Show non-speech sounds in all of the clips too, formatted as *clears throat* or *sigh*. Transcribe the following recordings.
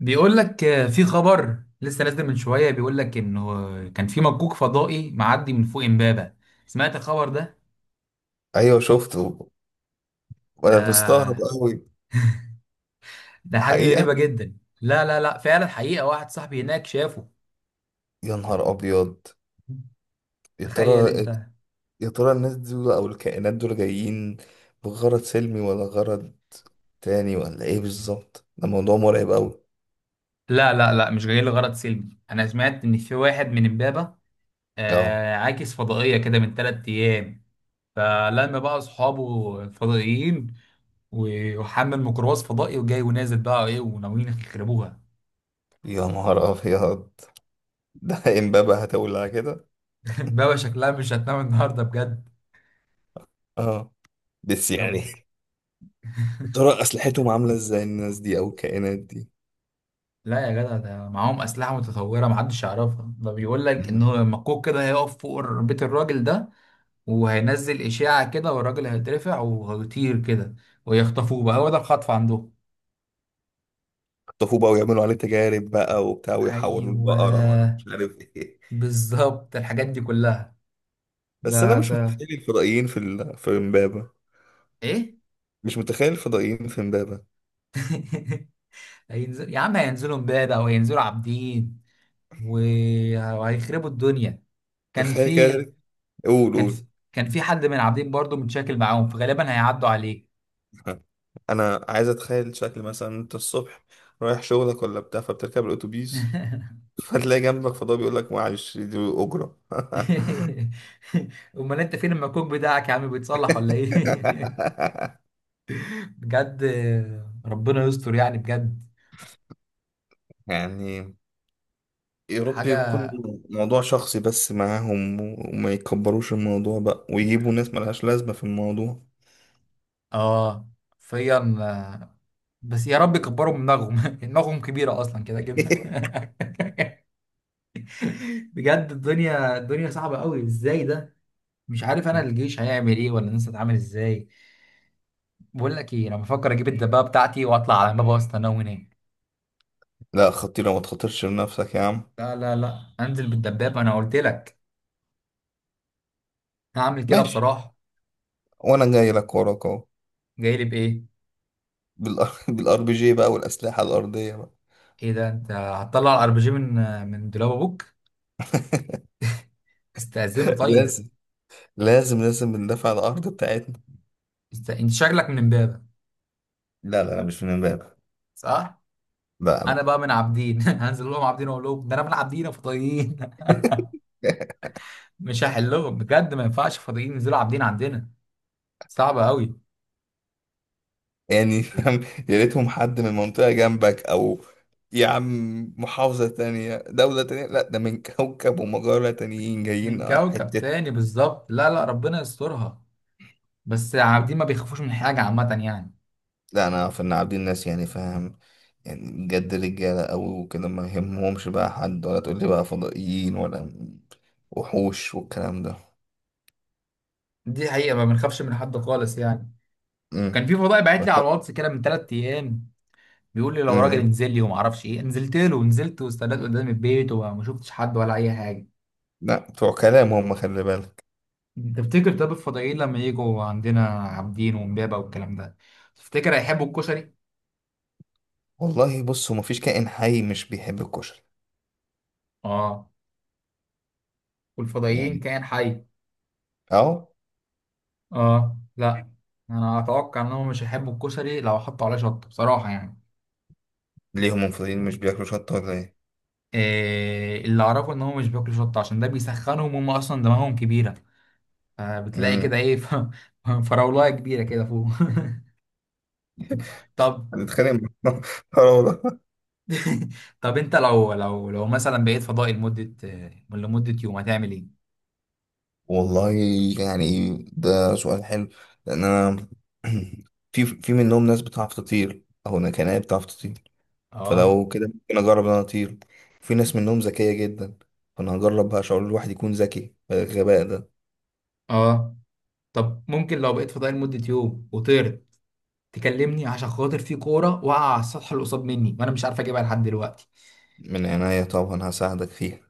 بيقول لك في خبر لسه نازل من شوية بيقول لك انه كان في مكوك فضائي معدي من فوق امبابة. سمعت الخبر ده؟ ايوه، شفته. وانا مستغرب ده قوي. ده حاجة الحقيقه، غريبة جدا، لا لا لا فعلا حقيقة، واحد صاحبي هناك شافه. يا نهار ابيض. يا تخيل ترى. انت. يا ترى الناس دول او الكائنات دول جايين بغرض سلمي ولا غرض تاني ولا ايه بالظبط؟ ده موضوع مرعب قوي. لا لا لا مش جاي لغرض سلمي، انا سمعت ان في واحد من امبابة اه. عاكس فضائية كده من ثلاث ايام، فلما بقى اصحابه فضائيين وحمل ميكروباص فضائي وجاي ونازل بقى ايه وناويين يخربوها. يا نهار ابيض. *laughs* ده امبابة هتولع كده. *laughs* بابا شكلها مش هتنام النهارده بجد. اه، بس رب. يعني. *laughs* يا *laughs* ترى اسلحتهم عامله ازاي الناس دي او الكائنات دي؟ لا يا جدع، ده معاهم أسلحة متطورة محدش يعرفها، ده بيقول لك إن مم. هو مكوك كده هيقف فوق بيت الراجل ده وهينزل إشاعة كده، والراجل هيترفع وهيطير كده ويخطفوه بقى، هو ده الخطف عندهم. يخطفوه بقى ويعملوا عليه تجارب بقى وبتاع ويحولوا البقرة ولا أيوه مش عارف ايه. بالظبط الحاجات دي كلها. بس انا ده مش ده متخيل الفضائيين في امبابة. إيه؟ مش متخيل الفضائيين في امبابة. *laughs* هينزل يا عم، هينزلوا امبابة أو هينزلوا عابدين وهيخربوا الدنيا. كان تخيل في كده. قول كان في قول. كان في حد من عابدين برضو متشاكل معاهم، فغالبا هيعدوا عليك. انا عايز اتخيل شكل، مثلا انت الصبح رايح شغلك ولا بتاع فبتركب الاتوبيس. *laughs* *laughs* فتلاقي جنبك فضاء بيقول لك: معلش دي اجرة. امال انت فين المكوك بتاعك يا عم، بيتصلح ولا ايه؟ *laughs* *laughs* بجد ربنا يستر يعني بجد. يعني، يا رب يكون حاجه. موضوع شخصي بس معاهم وما يكبروش الموضوع بقى ويجيبوا ناس ملهاش لازمة في الموضوع. اه. فيا آه، بس يا رب يكبروا من دماغهم. *laughs* دماغهم كبيره اصلا كده كده. *laughs* *laughs* بجد الدنيا، الدنيا صعبه قوي ازاي ده. مش عارف انا الجيش هيعمل ايه ولا الناس هتعمل ازاي. بقول لك ايه، انا بفكر اجيب الدبابه بتاعتي واطلع على مبا، وسط انا وهناك. لا خطيرة، ما تخاطرش بنفسك يا عم. لا لا لا انزل بالدبابة انا قلت لك، هعمل كده ماشي، بصراحة. وانا جاي لك وراك اهو. جاي لي بايه؟ *laughs* بالار بي جي *laughs* بقى، والاسلحه الارضيه بقى. ايه ده، انت هتطلع الار بي جي من دولاب ابوك؟ *laughs* استأذنه طيب. لازم لازم لازم ندافع عن الارض بتاعتنا. انت شكلك من امبابة. لا لا لا، مش من امبارح. صح. لا انا لا. بقى من عابدين. *laughs* هنزل لهم عابدين اقول لهم ده انا من عابدين يا فضائيين. *laughs* *laughs* مش هحلهم بجد، ما ينفعش فضائيين ينزلوا عابدين عندنا. صعبة قوي. يعني فاهم. يا ريتهم حد من منطقه جنبك، او يا عم محافظه تانية دوله تانية. لا، ده من كوكب ومجره تانيين جايين من كوكب حته. تاني بالظبط، لا لا ربنا يسترها. بس عابدين ما بيخافوش من حاجة عامة يعني. لا، انا في إن عابدين الناس، يعني فاهم، يعني بجد رجاله قوي وكده، ما يهمهمش بقى حد، ولا تقول لي بقى فضائيين ولا وحوش والكلام ده. دي حقيقة، ما بنخافش من حد خالص يعني. مم. كان في فضائي باعت لي بس. على الواتس كده من ثلاث ايام، بيقول لي لو راجل مم. انزل لي وما اعرفش ايه، نزلت له ونزلت واستنيت قدام البيت وما شفتش حد ولا اي حاجه. لا، بتوع كلام هم، خلي بالك. تفتكر طب الفضائيين لما يجوا عندنا عابدين وامبابه والكلام ده، تفتكر هيحبوا الكشري؟ والله بص، هو مفيش كائن حي مش بيحب الكشري. اه. والفضائيين يعني كائن حي. اهو. اه لا، انا اتوقع انهم مش هيحبوا الكشري لو حطوا عليه شطه بصراحه يعني. ليهم منفردين مش بياكلوا شطه ولا ايه؟ إيه اللي اعرفه ان هم مش بياكلوا شطه عشان ده بيسخنهم، هم اصلا دماغهم كبيره، فبتلاقي كده امم ايه *laughs* فراولايه كبيره كده فوق. *laughs* طب. هنتخانق مع *laughs* بعض. آه والله. *laughs* طب انت لو لو مثلا بقيت فضائي لمدة، لمدة يوم، هتعمل ايه؟ والله، يعني ده سؤال حلو. لان انا *clears throat* في منهم ناس بتعرف تطير، او انا كان أنا بتعرف تطير. اه فلو كده ممكن اجرب ان انا اطير. في ناس منهم ذكيه جدا. فانا هجرب بقى شعور الواحد يكون ذكي، الغباء ده. اه. طب ممكن لو بقيت فضائي لمدة يوم وطرت تكلمني، عشان خاطر في كورة واقعة على السطح اللي قصاد مني وانا مش عارف اجيبها لحد دلوقتي. من عناية طبعا، هساعدك فيها.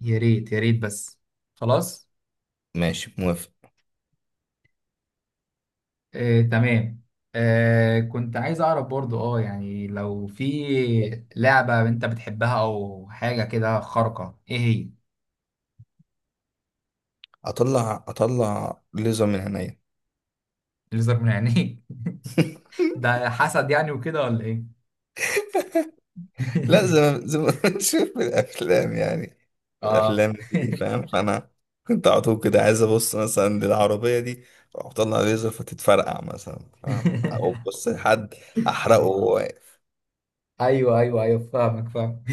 يا ريت يا ريت بس. خلاص. ماشي موافق. آه تمام. آه كنت عايز اعرف برضو اه يعني، لو في لعبة انت بتحبها او حاجة كده خارقة، ايه هي؟ اطلع ليزر من عينيا. الليزر من عينيك؟ *laughs* ده حسد يعني وكده ولا ايه؟ لا، زي *laughs* ما زي ما *laughs* بنشوف في الافلام يعني. اه. الافلام دي فاهم، فانا كنت على طول كده عايز ابص مثلا للعربيه دي، اروح اطلع ليزر فتتفرقع مثلا، فاهم؟ او بص لحد احرقه *laughs* هو. ايوه ايوه ايوه فاهمك فاهم.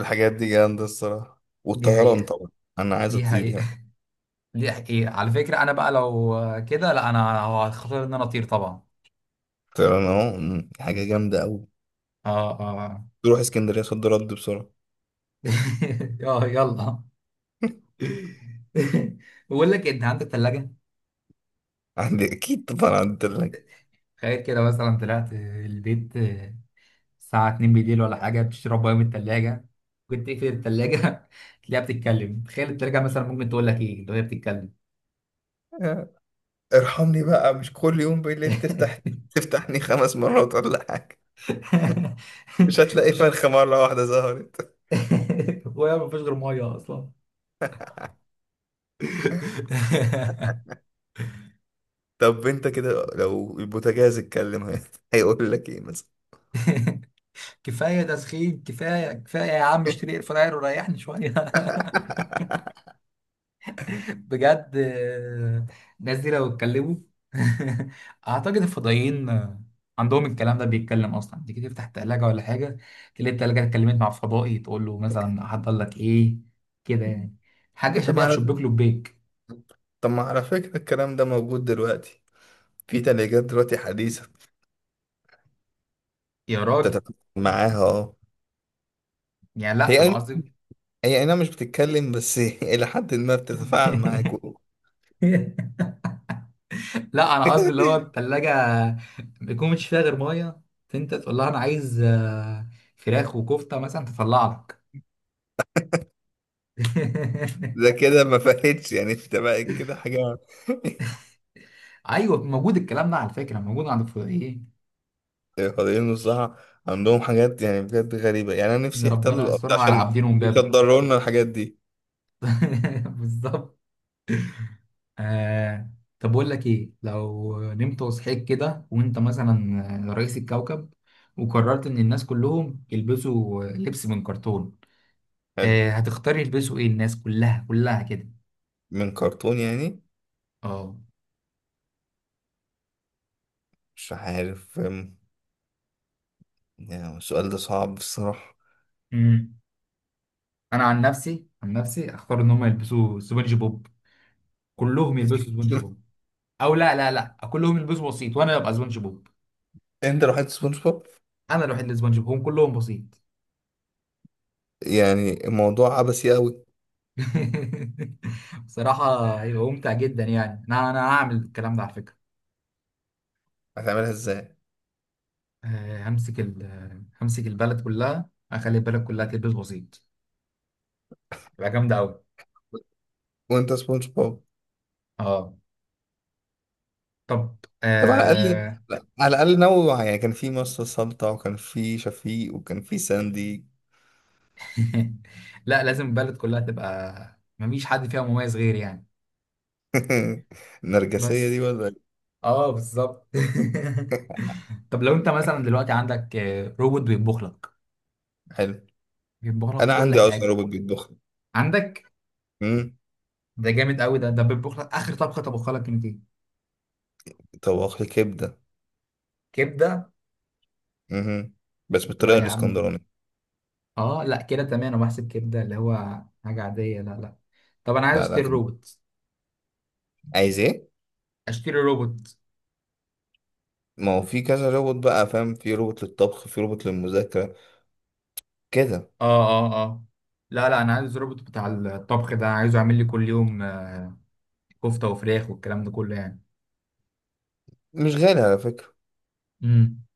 الحاجات دي جامده الصراحه، *laughs* دي والطيران حقيقة. طبعا. انا عايز دي اطير حقيقة. يعني. *laughs* دي حقيقة على فكرة، انا بقى لو كده، لا انا هو هختار ان انا اطير طبعا. الطيران اهو حاجه جامده قوي. اه اه. تروح اسكندريه صد رد بسرعه. *laughs* اه يلا. *laughs* *laughs* بقول لك إيه، انت عندك ثلاجة؟ عندي اكيد طبعا، عندي تلاجة. تخيل كده مثلا طلعت البيت الساعة 2 بالليل ولا حاجة بتشرب ميه من الثلاجة، كنت تقفل الثلاجة *laughs* تلاقيها بتتكلم، تخيل الثلاجة مثلا ممكن تقول لك ايه لو هي بتتكلم؟ ارحمني بقى، مش كل يوم بالليل تفتحني 5 مرات ولا حاجة. *laughs* مش هتلاقي مش. فرخة مرة واحدة ظهرت. *laughs* هو ما فيش غير ميه اصلا. *laughs* طب انت كده لو البوتاجاز اتكلم، هيقول لك ايه مثلا؟ كفايه تسخين، كفايه كفايه يا عم اشتري اير فراير وريحني شويه. *laughs* بجد الناس دي لو اتكلموا. *laughs* اعتقد الفضائيين عندهم الكلام ده بيتكلم اصلا، تيجي تفتح التلاجة ولا حاجه، تلاقي التلاجة اتكلمت مع فضائي تقول له مثلا هحضر لك ايه كده يعني، حاجه طب ما شبيهه بشبيك على لبيك. طب ما على فكرة الكلام ده موجود دلوقتي. في تلاجات دلوقتي حديثة يا راجل تتفاعل معاها. اه، يعني لا انا هي أي- قصدي. هي انا مش بتتكلم، بس *laughs* إلى حد ما بتتفاعل معاك. *laughs* لا انا قصدي اللي هو *laughs* الثلاجه ما يكون مش فيها غير ميه، فانت تقول لها انا عايز فراخ وكفته مثلا تطلع لك. ده *laughs* كده ما فاتش يعني، انت بقى كده حاجة. ايوه موجود الكلام ده على فكره، موجود عند الفضائيين. الفضائيين الصراحة عندهم حاجات، يعني بجد غريبة، يعني أنا ان نفسي يحتلوا ربنا الأرض يسترها على عشان عابدين ومبابه. يصدروا لنا الحاجات دي. *laughs* بالظبط. آه. طب بقول لك ايه، لو نمت وصحيت كده وانت مثلا رئيس الكوكب وقررت ان الناس كلهم يلبسوا لبس من كرتون، حلو. آه هتختار يلبسوا ايه الناس كلها، كلها كده. من كرتون يعني؟ اه مش عارف. يعني السؤال ده صعب الصراحة. انا عن نفسي، عن نفسي اختار ان هم يلبسوا سبونج بوب، كلهم يلبسوا *laughs* سبونج شوف، بوب. او لا لا لا، كلهم يلبسوا بسيط وانا ابقى سبونج بوب. أنت لو حد سبونج بوب. انا الوحيد اللي سبونج بوب، هم كلهم بسيط. يعني الموضوع عبثي أوي. *laughs* بصراحة هيبقى ممتع جدا يعني، انا انا هعمل الكلام ده على فكرة. هتعملها إزاي همسك ال، همسك البلد كلها، اخلي البلد كلها تلبس بسيط، تبقى جامدة قوي. وأنت سبونج بوب؟ اه. طب. طب على الأقل، آه... لا، على الأقل نوع، يعني كان في مصر سلطة، وكان في شفيق، وكان في ساندي. *laughs* لا لازم البلد كلها تبقى مفيش حد فيها مميز غيري يعني. *laughs* النرجسية دي بس. ولا إيه؟ اه بالظبط. *laughs* طب لو انت مثلا دلوقتي عندك روبوت بيطبخ لك، حلو. بيطبخ لك أنا كل عندي أصلا حاجه. روبوت بيطبخ. عندك؟ ده جامد قوي ده بيطبخ لك اخر طبخه طبخها لك انت؟ طباخ كبدة. كبده. مهم. بس لا بالطريقة يا عم. الاسكندراني. اه لا كده تمام، انا بحسب كبده اللي هو حاجه عاديه، لا لا. طب انا عايز لا لا، اشتري كان روبوت. عايز ايه؟ اشتري روبوت. ما هو في كذا روبوت بقى، فاهم، في روبوت للطبخ، في روبوت للمذاكرة كده. اه اه اه. لا لا انا عايز روبوت بتاع الطبخ ده، عايزه يعمل لي كل يوم كفته وفراخ والكلام ده كله يعني. مش غالي على فكرة. امم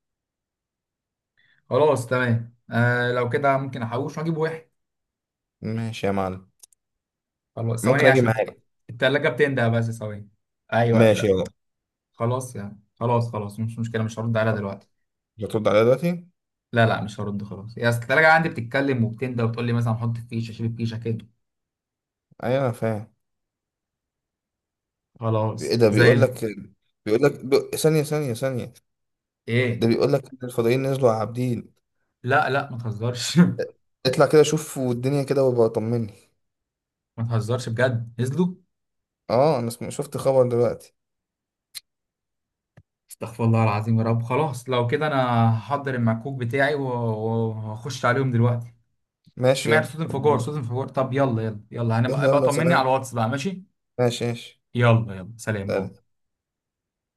خلاص تمام، آه لو كده ممكن احوش واجيب واحد. ماشي يا معلم. خلاص ممكن ثواني اجي عشان معاك. التلاجة بتنده، بس ثواني. ايوه ماشي لا. يلا. خلاص يعني، خلاص خلاص مش مشكلة، مش هرد عليها دلوقتي. هترد عليا دلوقتي؟ لا لا مش هرد خلاص، يا اصل التلاجة عندي بتتكلم وبتنده وتقول لي مثلا حط فيشة شيل فيشة كده. ايوه انا فاهم. ايه خلاص ده؟ زي بيقول الفل. لك بيقول لك ثانية ثانية ثانية. ده ايه؟ بيقول لك إن الفضائيين نزلوا على عابدين. لا لا ما تهزرش. *laughs* اطلع كده شوف والدنيا كده، وابقى طمني. ما تهزرش بجد نزلوا؟ اه، انا شفت خبر دلوقتي. استغفر الله العظيم، يا رب خلاص لو كده انا هحضر المكوك بتاعي وهخش عليهم دلوقتي. ماشي يلا. سمعت صوت انفجار، صوت انفجار. طب يلا يلا يلا، يلا هنبقى بقى يلا طمني على سلام. الواتس بقى ماشي. ماشي ماشي. يلا يلا سلام باي. سلام.